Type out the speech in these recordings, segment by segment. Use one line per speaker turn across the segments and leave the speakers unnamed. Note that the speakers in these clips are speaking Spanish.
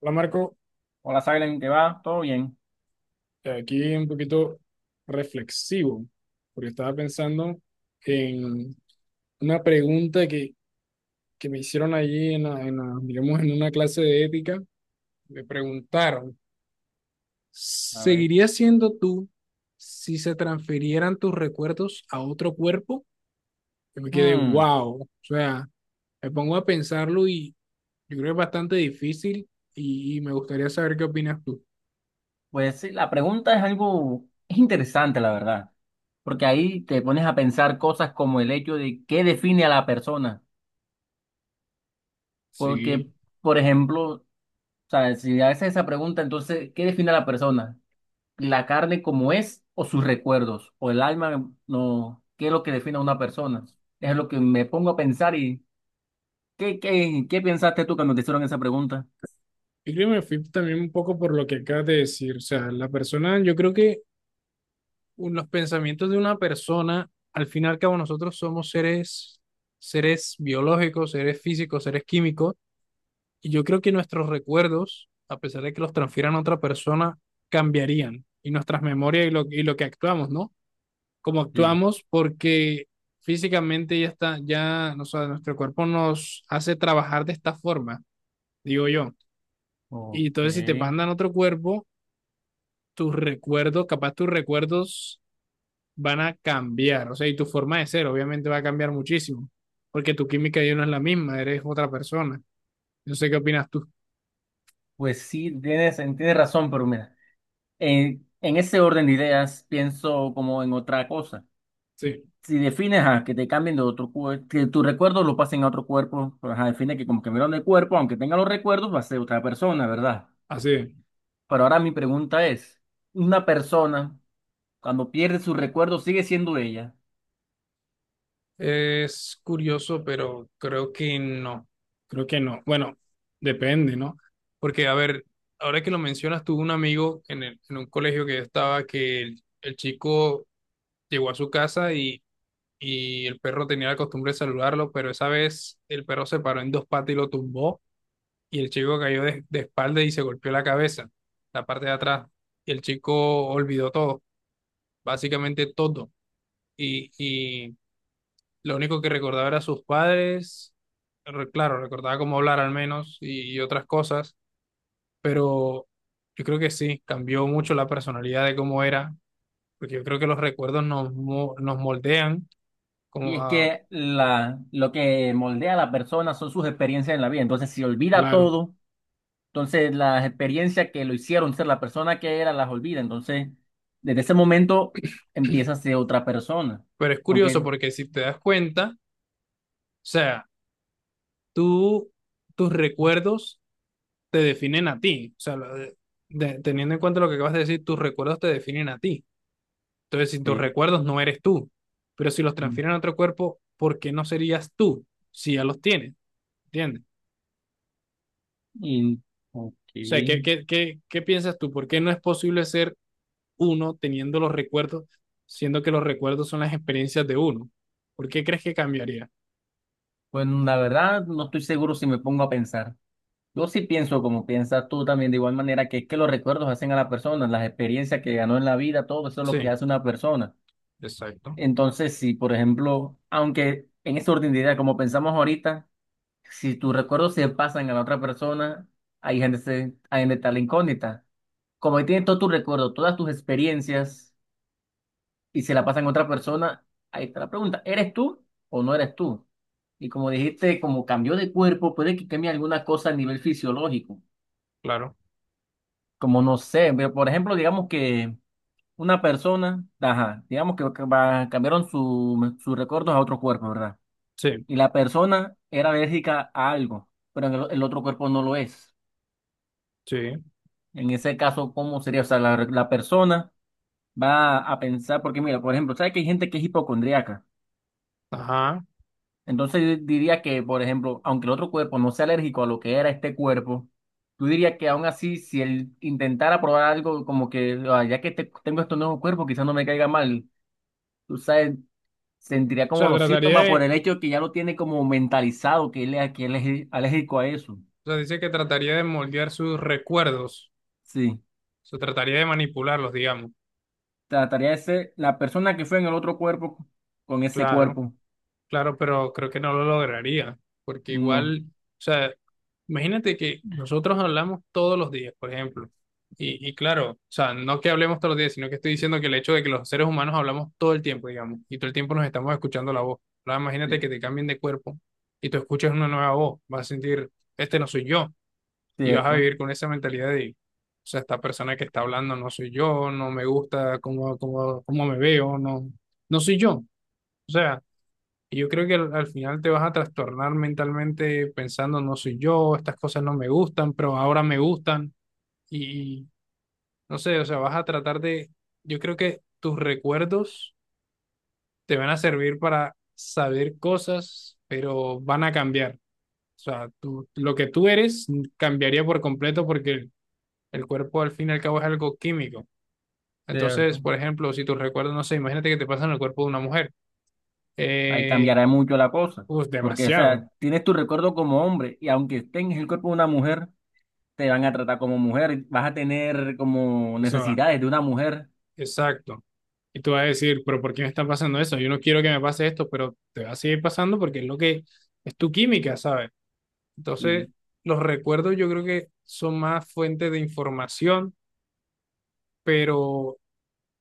Hola Marco,
Hola, Silen, ¿qué va? ¿Todo bien?
aquí un poquito reflexivo, porque estaba pensando en una pregunta que me hicieron allí digamos, en una clase de ética. Me preguntaron,
A ver.
¿seguirías siendo tú si se transfirieran tus recuerdos a otro cuerpo? Y me quedé,
Hmm,
wow, o sea, me pongo a pensarlo y yo creo que es bastante difícil y me gustaría saber qué opinas tú.
pues sí, la pregunta es algo, es interesante, la verdad, porque ahí te pones a pensar cosas como el hecho de qué define a la persona,
Sí.
porque, por ejemplo, o sea, si haces esa pregunta, entonces, ¿qué define a la persona? ¿La carne como es o sus recuerdos? ¿O el alma? No, ¿qué es lo que define a una persona? Es lo que me pongo a pensar y ¿qué pensaste tú cuando te hicieron esa pregunta?
Yo creo que me fui también un poco por lo que acabas de decir. O sea, la persona, yo creo que los pensamientos de una persona, al fin y al cabo, nosotros somos seres, seres biológicos, seres físicos, seres químicos, y yo creo que nuestros recuerdos, a pesar de que los transfieran a otra persona, cambiarían, y nuestras memorias y lo que actuamos, ¿no? Como
Sí.
actuamos, porque físicamente ya está, ya, o sea, nuestro cuerpo nos hace trabajar de esta forma, digo yo. Y
Ok.
entonces, si te mandan a otro cuerpo, capaz tus recuerdos van a cambiar, o sea, y tu forma de ser obviamente va a cambiar muchísimo, porque tu química ya no es la misma, eres otra persona. No sé qué opinas tú.
Pues sí, tienes razón, pero mira, en ese orden de ideas pienso como en otra cosa.
Sí,
Si defines a que te cambien de otro cuerpo, que tus recuerdos lo pasen a otro cuerpo, pues ajá, define que como cambiaron de cuerpo, aunque tenga los recuerdos, va a ser otra persona, ¿verdad?
así es.
Pero ahora mi pregunta es, una persona cuando pierde sus recuerdos sigue siendo ella.
Es curioso, pero creo que no. Creo que no. Bueno, depende, ¿no? Porque, a ver, ahora que lo mencionas, tuve un amigo en un colegio que yo estaba que el chico llegó a su casa y el perro tenía la costumbre de saludarlo, pero esa vez el perro se paró en dos patas y lo tumbó y el chico cayó de espalda y se golpeó la cabeza, la parte de atrás, y el chico olvidó todo, básicamente todo, y lo único que recordaba era sus padres, claro, recordaba cómo hablar al menos y otras cosas, pero yo creo que sí, cambió mucho la personalidad de cómo era, porque yo creo que los recuerdos nos moldean
Y
como
es
a,
que lo que moldea a la persona son sus experiencias en la vida, entonces si olvida
claro.
todo. Entonces, las experiencias que lo hicieron ser la persona que era las olvida. Entonces, desde ese momento empieza a ser otra persona.
Pero es curioso
Aunque,
porque si te das cuenta, o sea, tú, tus recuerdos te definen a ti. O sea, teniendo en cuenta lo que acabas de decir, tus recuerdos te definen a ti. Entonces, si tus
sí.
recuerdos no eres tú, pero si los transfieren a otro cuerpo, ¿por qué no serías tú si ya los tienes? ¿Entiendes?
Y,
O sea, ¿qué,
ok.
qué, qué, qué piensas tú? ¿Por qué no es posible ser uno teniendo los recuerdos, siendo que los recuerdos son las experiencias de uno? ¿Por qué crees que cambiaría?
Bueno, la verdad, no estoy seguro si me pongo a pensar. Yo sí pienso como piensas tú también, de igual manera que es que los recuerdos hacen a la persona, las experiencias que ganó en la vida, todo eso es lo que
Sí,
hace una persona.
exacto,
Entonces, si, por ejemplo, aunque en esa orden de ideas, como pensamos ahorita, si tus recuerdos se pasan a la otra persona, ahí gente se, ahí donde está la incógnita. Como ahí tienes todos tus recuerdos, todas tus experiencias, y se la pasan a otra persona, ahí está la pregunta, ¿eres tú o no eres tú? Y como dijiste, como cambió de cuerpo, puede que cambie alguna cosa a nivel fisiológico.
claro.
Como no sé, por ejemplo, digamos que una persona, ajá, digamos que cambiaron sus recuerdos a otro cuerpo, ¿verdad?
Sí,
Y la persona era alérgica a algo, pero en el otro cuerpo no lo es.
sí.
En ese caso, ¿cómo sería? O sea, la persona va a pensar, porque mira, por ejemplo, ¿sabes que hay gente que es hipocondríaca?
Ajá. O
Entonces yo diría que, por ejemplo, aunque el otro cuerpo no sea alérgico a lo que era este cuerpo, tú dirías que aún así, si él intentara probar algo como que, "Ah, ya que tengo este nuevo cuerpo, quizás no me caiga mal, tú sabes, sentiría como
sea,
los síntomas por el hecho de que ya lo tiene como mentalizado, que él, que él es alérgico a eso".
o sea, dice que trataría de moldear sus recuerdos.
Sí,
O sea, trataría de manipularlos, digamos.
trataría de ser la persona que fue en el otro cuerpo con ese
Claro,
cuerpo.
claro, pero creo que no lo lograría. Porque
No.
igual, o sea, imagínate que nosotros hablamos todos los días, por ejemplo. Y claro, o sea, no que hablemos todos los días, sino que estoy diciendo que el hecho de que los seres humanos hablamos todo el tiempo, digamos, y todo el tiempo nos estamos escuchando la voz. Ahora imagínate
Sí.
que te cambien de cuerpo y tú escuchas una nueva voz. Vas a sentir, este no soy yo. Y vas a
Cierto,
vivir con esa mentalidad de, o sea, esta persona que está hablando no soy yo, no me gusta cómo me veo, no, no soy yo. O sea, y yo creo que al final te vas a trastornar mentalmente pensando no soy yo, estas cosas no me gustan, pero ahora me gustan y no sé, o sea, vas a tratar de, yo creo que tus recuerdos te van a servir para saber cosas, pero van a cambiar. O sea, lo que tú eres cambiaría por completo porque el cuerpo al fin y al cabo es algo químico. Entonces,
cierto.
por ejemplo, si tus recuerdos, no sé, imagínate que te pasa en el cuerpo de una mujer.
Ahí
Eh,
cambiará mucho la cosa,
pues
porque, o
demasiado.
sea, tienes tu recuerdo como hombre y aunque tengas el cuerpo de una mujer, te van a tratar como mujer, vas a tener como
O sea,
necesidades de una mujer.
exacto. Y tú vas a decir, pero ¿por qué me está pasando eso? Yo no quiero que me pase esto, pero te va a seguir pasando porque es lo que es tu química, ¿sabes? Entonces,
Sí.
los recuerdos yo creo que son más fuentes de información, pero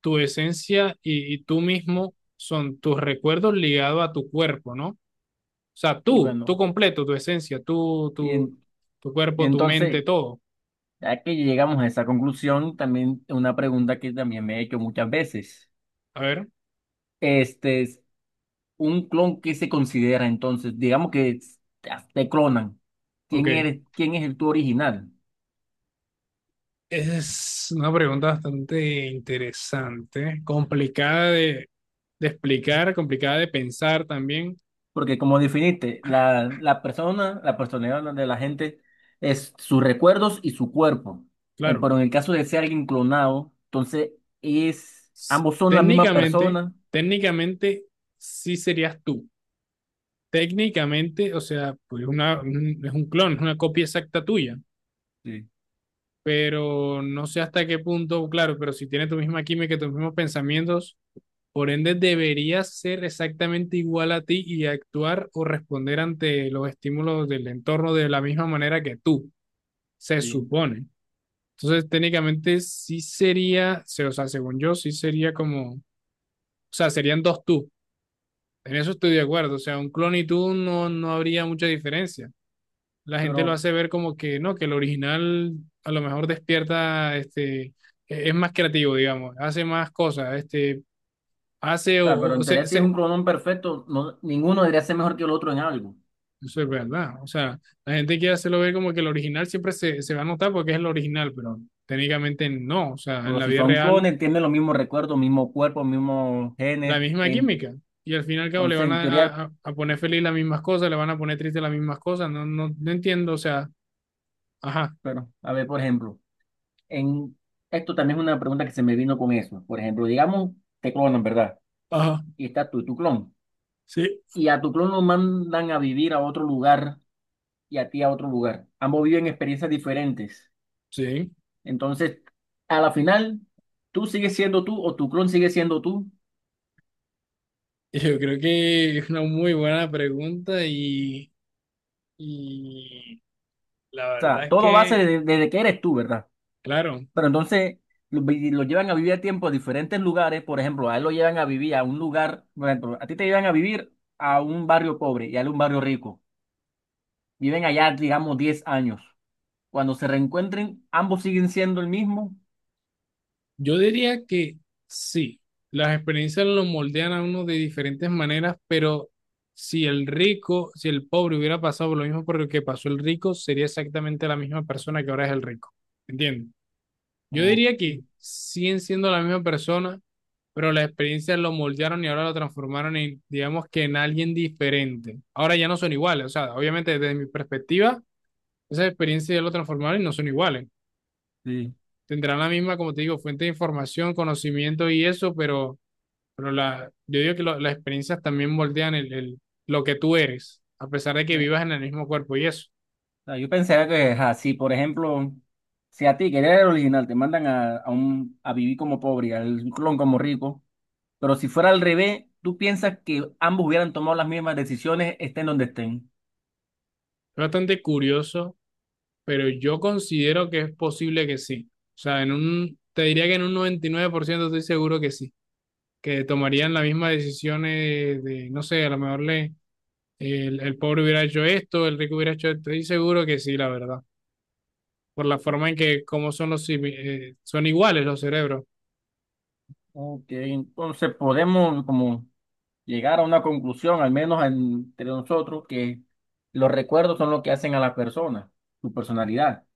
tu esencia y tú mismo son tus recuerdos ligados a tu cuerpo, ¿no? O sea,
Y
tú
bueno,
completo, tu esencia,
y, en-
tu
y
cuerpo, tu mente,
entonces,
todo.
ya que llegamos a esa conclusión, también una pregunta que también me he hecho muchas veces.
A ver,
Este es un clon que se considera entonces, digamos que te clonan.
ok.
¿Quién eres? ¿Quién es el tu original?
Es una pregunta bastante interesante, de explicar, complicada de pensar también.
Porque como definiste, la persona, la personalidad de la gente es sus recuerdos y su cuerpo.
Claro,
Pero en el caso de ser alguien clonado, entonces es, ambos son la misma
técnicamente,
persona.
técnicamente sí serías tú. Técnicamente, o sea, pues es un clon, es una copia exacta tuya,
Sí,
pero no sé hasta qué punto, claro, pero si tiene tu misma química, tus mismos pensamientos. Por ende, deberías ser exactamente igual a ti y actuar o responder ante los estímulos del entorno de la misma manera que tú, se
sí.
supone. Entonces, técnicamente sí sería, o sea, según yo, sí sería como, o sea, serían dos tú. En eso estoy de acuerdo. O sea, un clon y tú no, no habría mucha diferencia. La
Pero,
gente lo
o
hace ver como que no, que el original a lo mejor despierta, este, es más creativo, digamos, hace más cosas, este, hace
sea, pero
o
en teoría
se,
si es
se-
un clonón perfecto, no, ninguno debería ser mejor que el otro en algo.
eso es verdad. O sea, la gente que hace lo ve como que el original se va a notar porque es el original, pero técnicamente no. O sea, en
Pero
la
si
vida
son
real,
clones, tienen los mismos recuerdos, mismo cuerpo, mismos
la
genes.
misma química. Y al fin y al cabo le
Entonces,
van
en teoría,
a poner feliz las mismas cosas, le van a poner triste las mismas cosas. No entiendo. O sea, ajá.
pero, a ver, por ejemplo. En, esto también es una pregunta que se me vino con eso. Por ejemplo, digamos, te clonan, ¿verdad?
Ajá.
Y está tú, tu clon.
Sí.
Y a tu clon lo mandan a vivir a otro lugar y a ti a otro lugar. Ambos viven experiencias diferentes.
Sí.
Entonces, a la final, tú sigues siendo tú o tu clon sigue siendo tú.
Y yo creo que es una muy buena pregunta y la
O sea,
verdad es
todo va a ser
que,
desde, desde que eres tú, ¿verdad?
claro.
Pero entonces lo llevan a vivir a tiempo a diferentes lugares. Por ejemplo, a él lo llevan a vivir a un lugar, por ejemplo, a ti te llevan a vivir a un barrio pobre y a él a un barrio rico. Viven allá, digamos, 10 años. Cuando se reencuentren, ambos siguen siendo el mismo.
Yo diría que sí, las experiencias lo moldean a uno de diferentes maneras, pero si el rico, si el pobre hubiera pasado por lo mismo por lo que pasó el rico, sería exactamente la misma persona que ahora es el rico. ¿Entiendes? Yo
Ok,
diría que siguen siendo la misma persona, pero las experiencias lo moldearon y ahora lo transformaron en, digamos que en alguien diferente. Ahora ya no son iguales, o sea, obviamente desde mi perspectiva, esas experiencias ya lo transformaron y no son iguales.
sí.
Tendrán la misma, como te digo, fuente de información, conocimiento y eso, pero la, yo digo que las experiencias también moldean lo que tú eres, a pesar de que
O
vivas en el mismo cuerpo y eso.
sea, yo pensaría que, ajá, si por ejemplo, si a ti, que eres el original, te mandan a vivir como pobre y al clon como rico, pero si fuera al revés, tú piensas que ambos hubieran tomado las mismas decisiones, estén donde estén.
Es bastante curioso, pero yo considero que es posible que sí. O sea, en un, te diría que en un 99% estoy seguro que sí, que tomarían las mismas decisiones de, no sé, a lo mejor le, el pobre hubiera hecho esto, el rico hubiera hecho esto, estoy seguro que sí, la verdad por la forma en que cómo son los son iguales los cerebros.
Ok, entonces podemos como llegar a una conclusión, al menos entre nosotros, que los recuerdos son lo que hacen a la persona, su personalidad.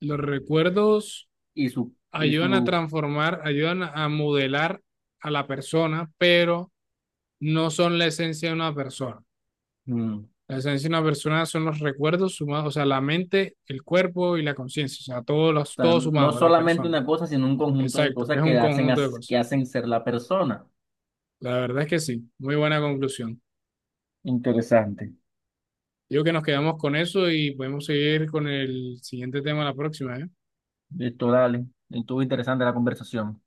Los recuerdos
y su, y
ayudan a
su,
transformar, ayudan a modelar a la persona, pero no son la esencia de una persona.
mm, o
La esencia de una persona son los recuerdos sumados, o sea, la mente, el cuerpo y la conciencia, o sea, todos los,
sea,
todos
no
sumados, la
solamente
persona.
una cosa, sino un conjunto de
Exacto,
cosas
es un
que hacen,
conjunto de cosas.
que hacen ser la persona.
La verdad es que sí, muy buena conclusión.
Interesante.
Digo que nos quedamos con eso y podemos seguir con el siguiente tema la próxima, ¿eh?
Esto, dale. Estuvo interesante la conversación.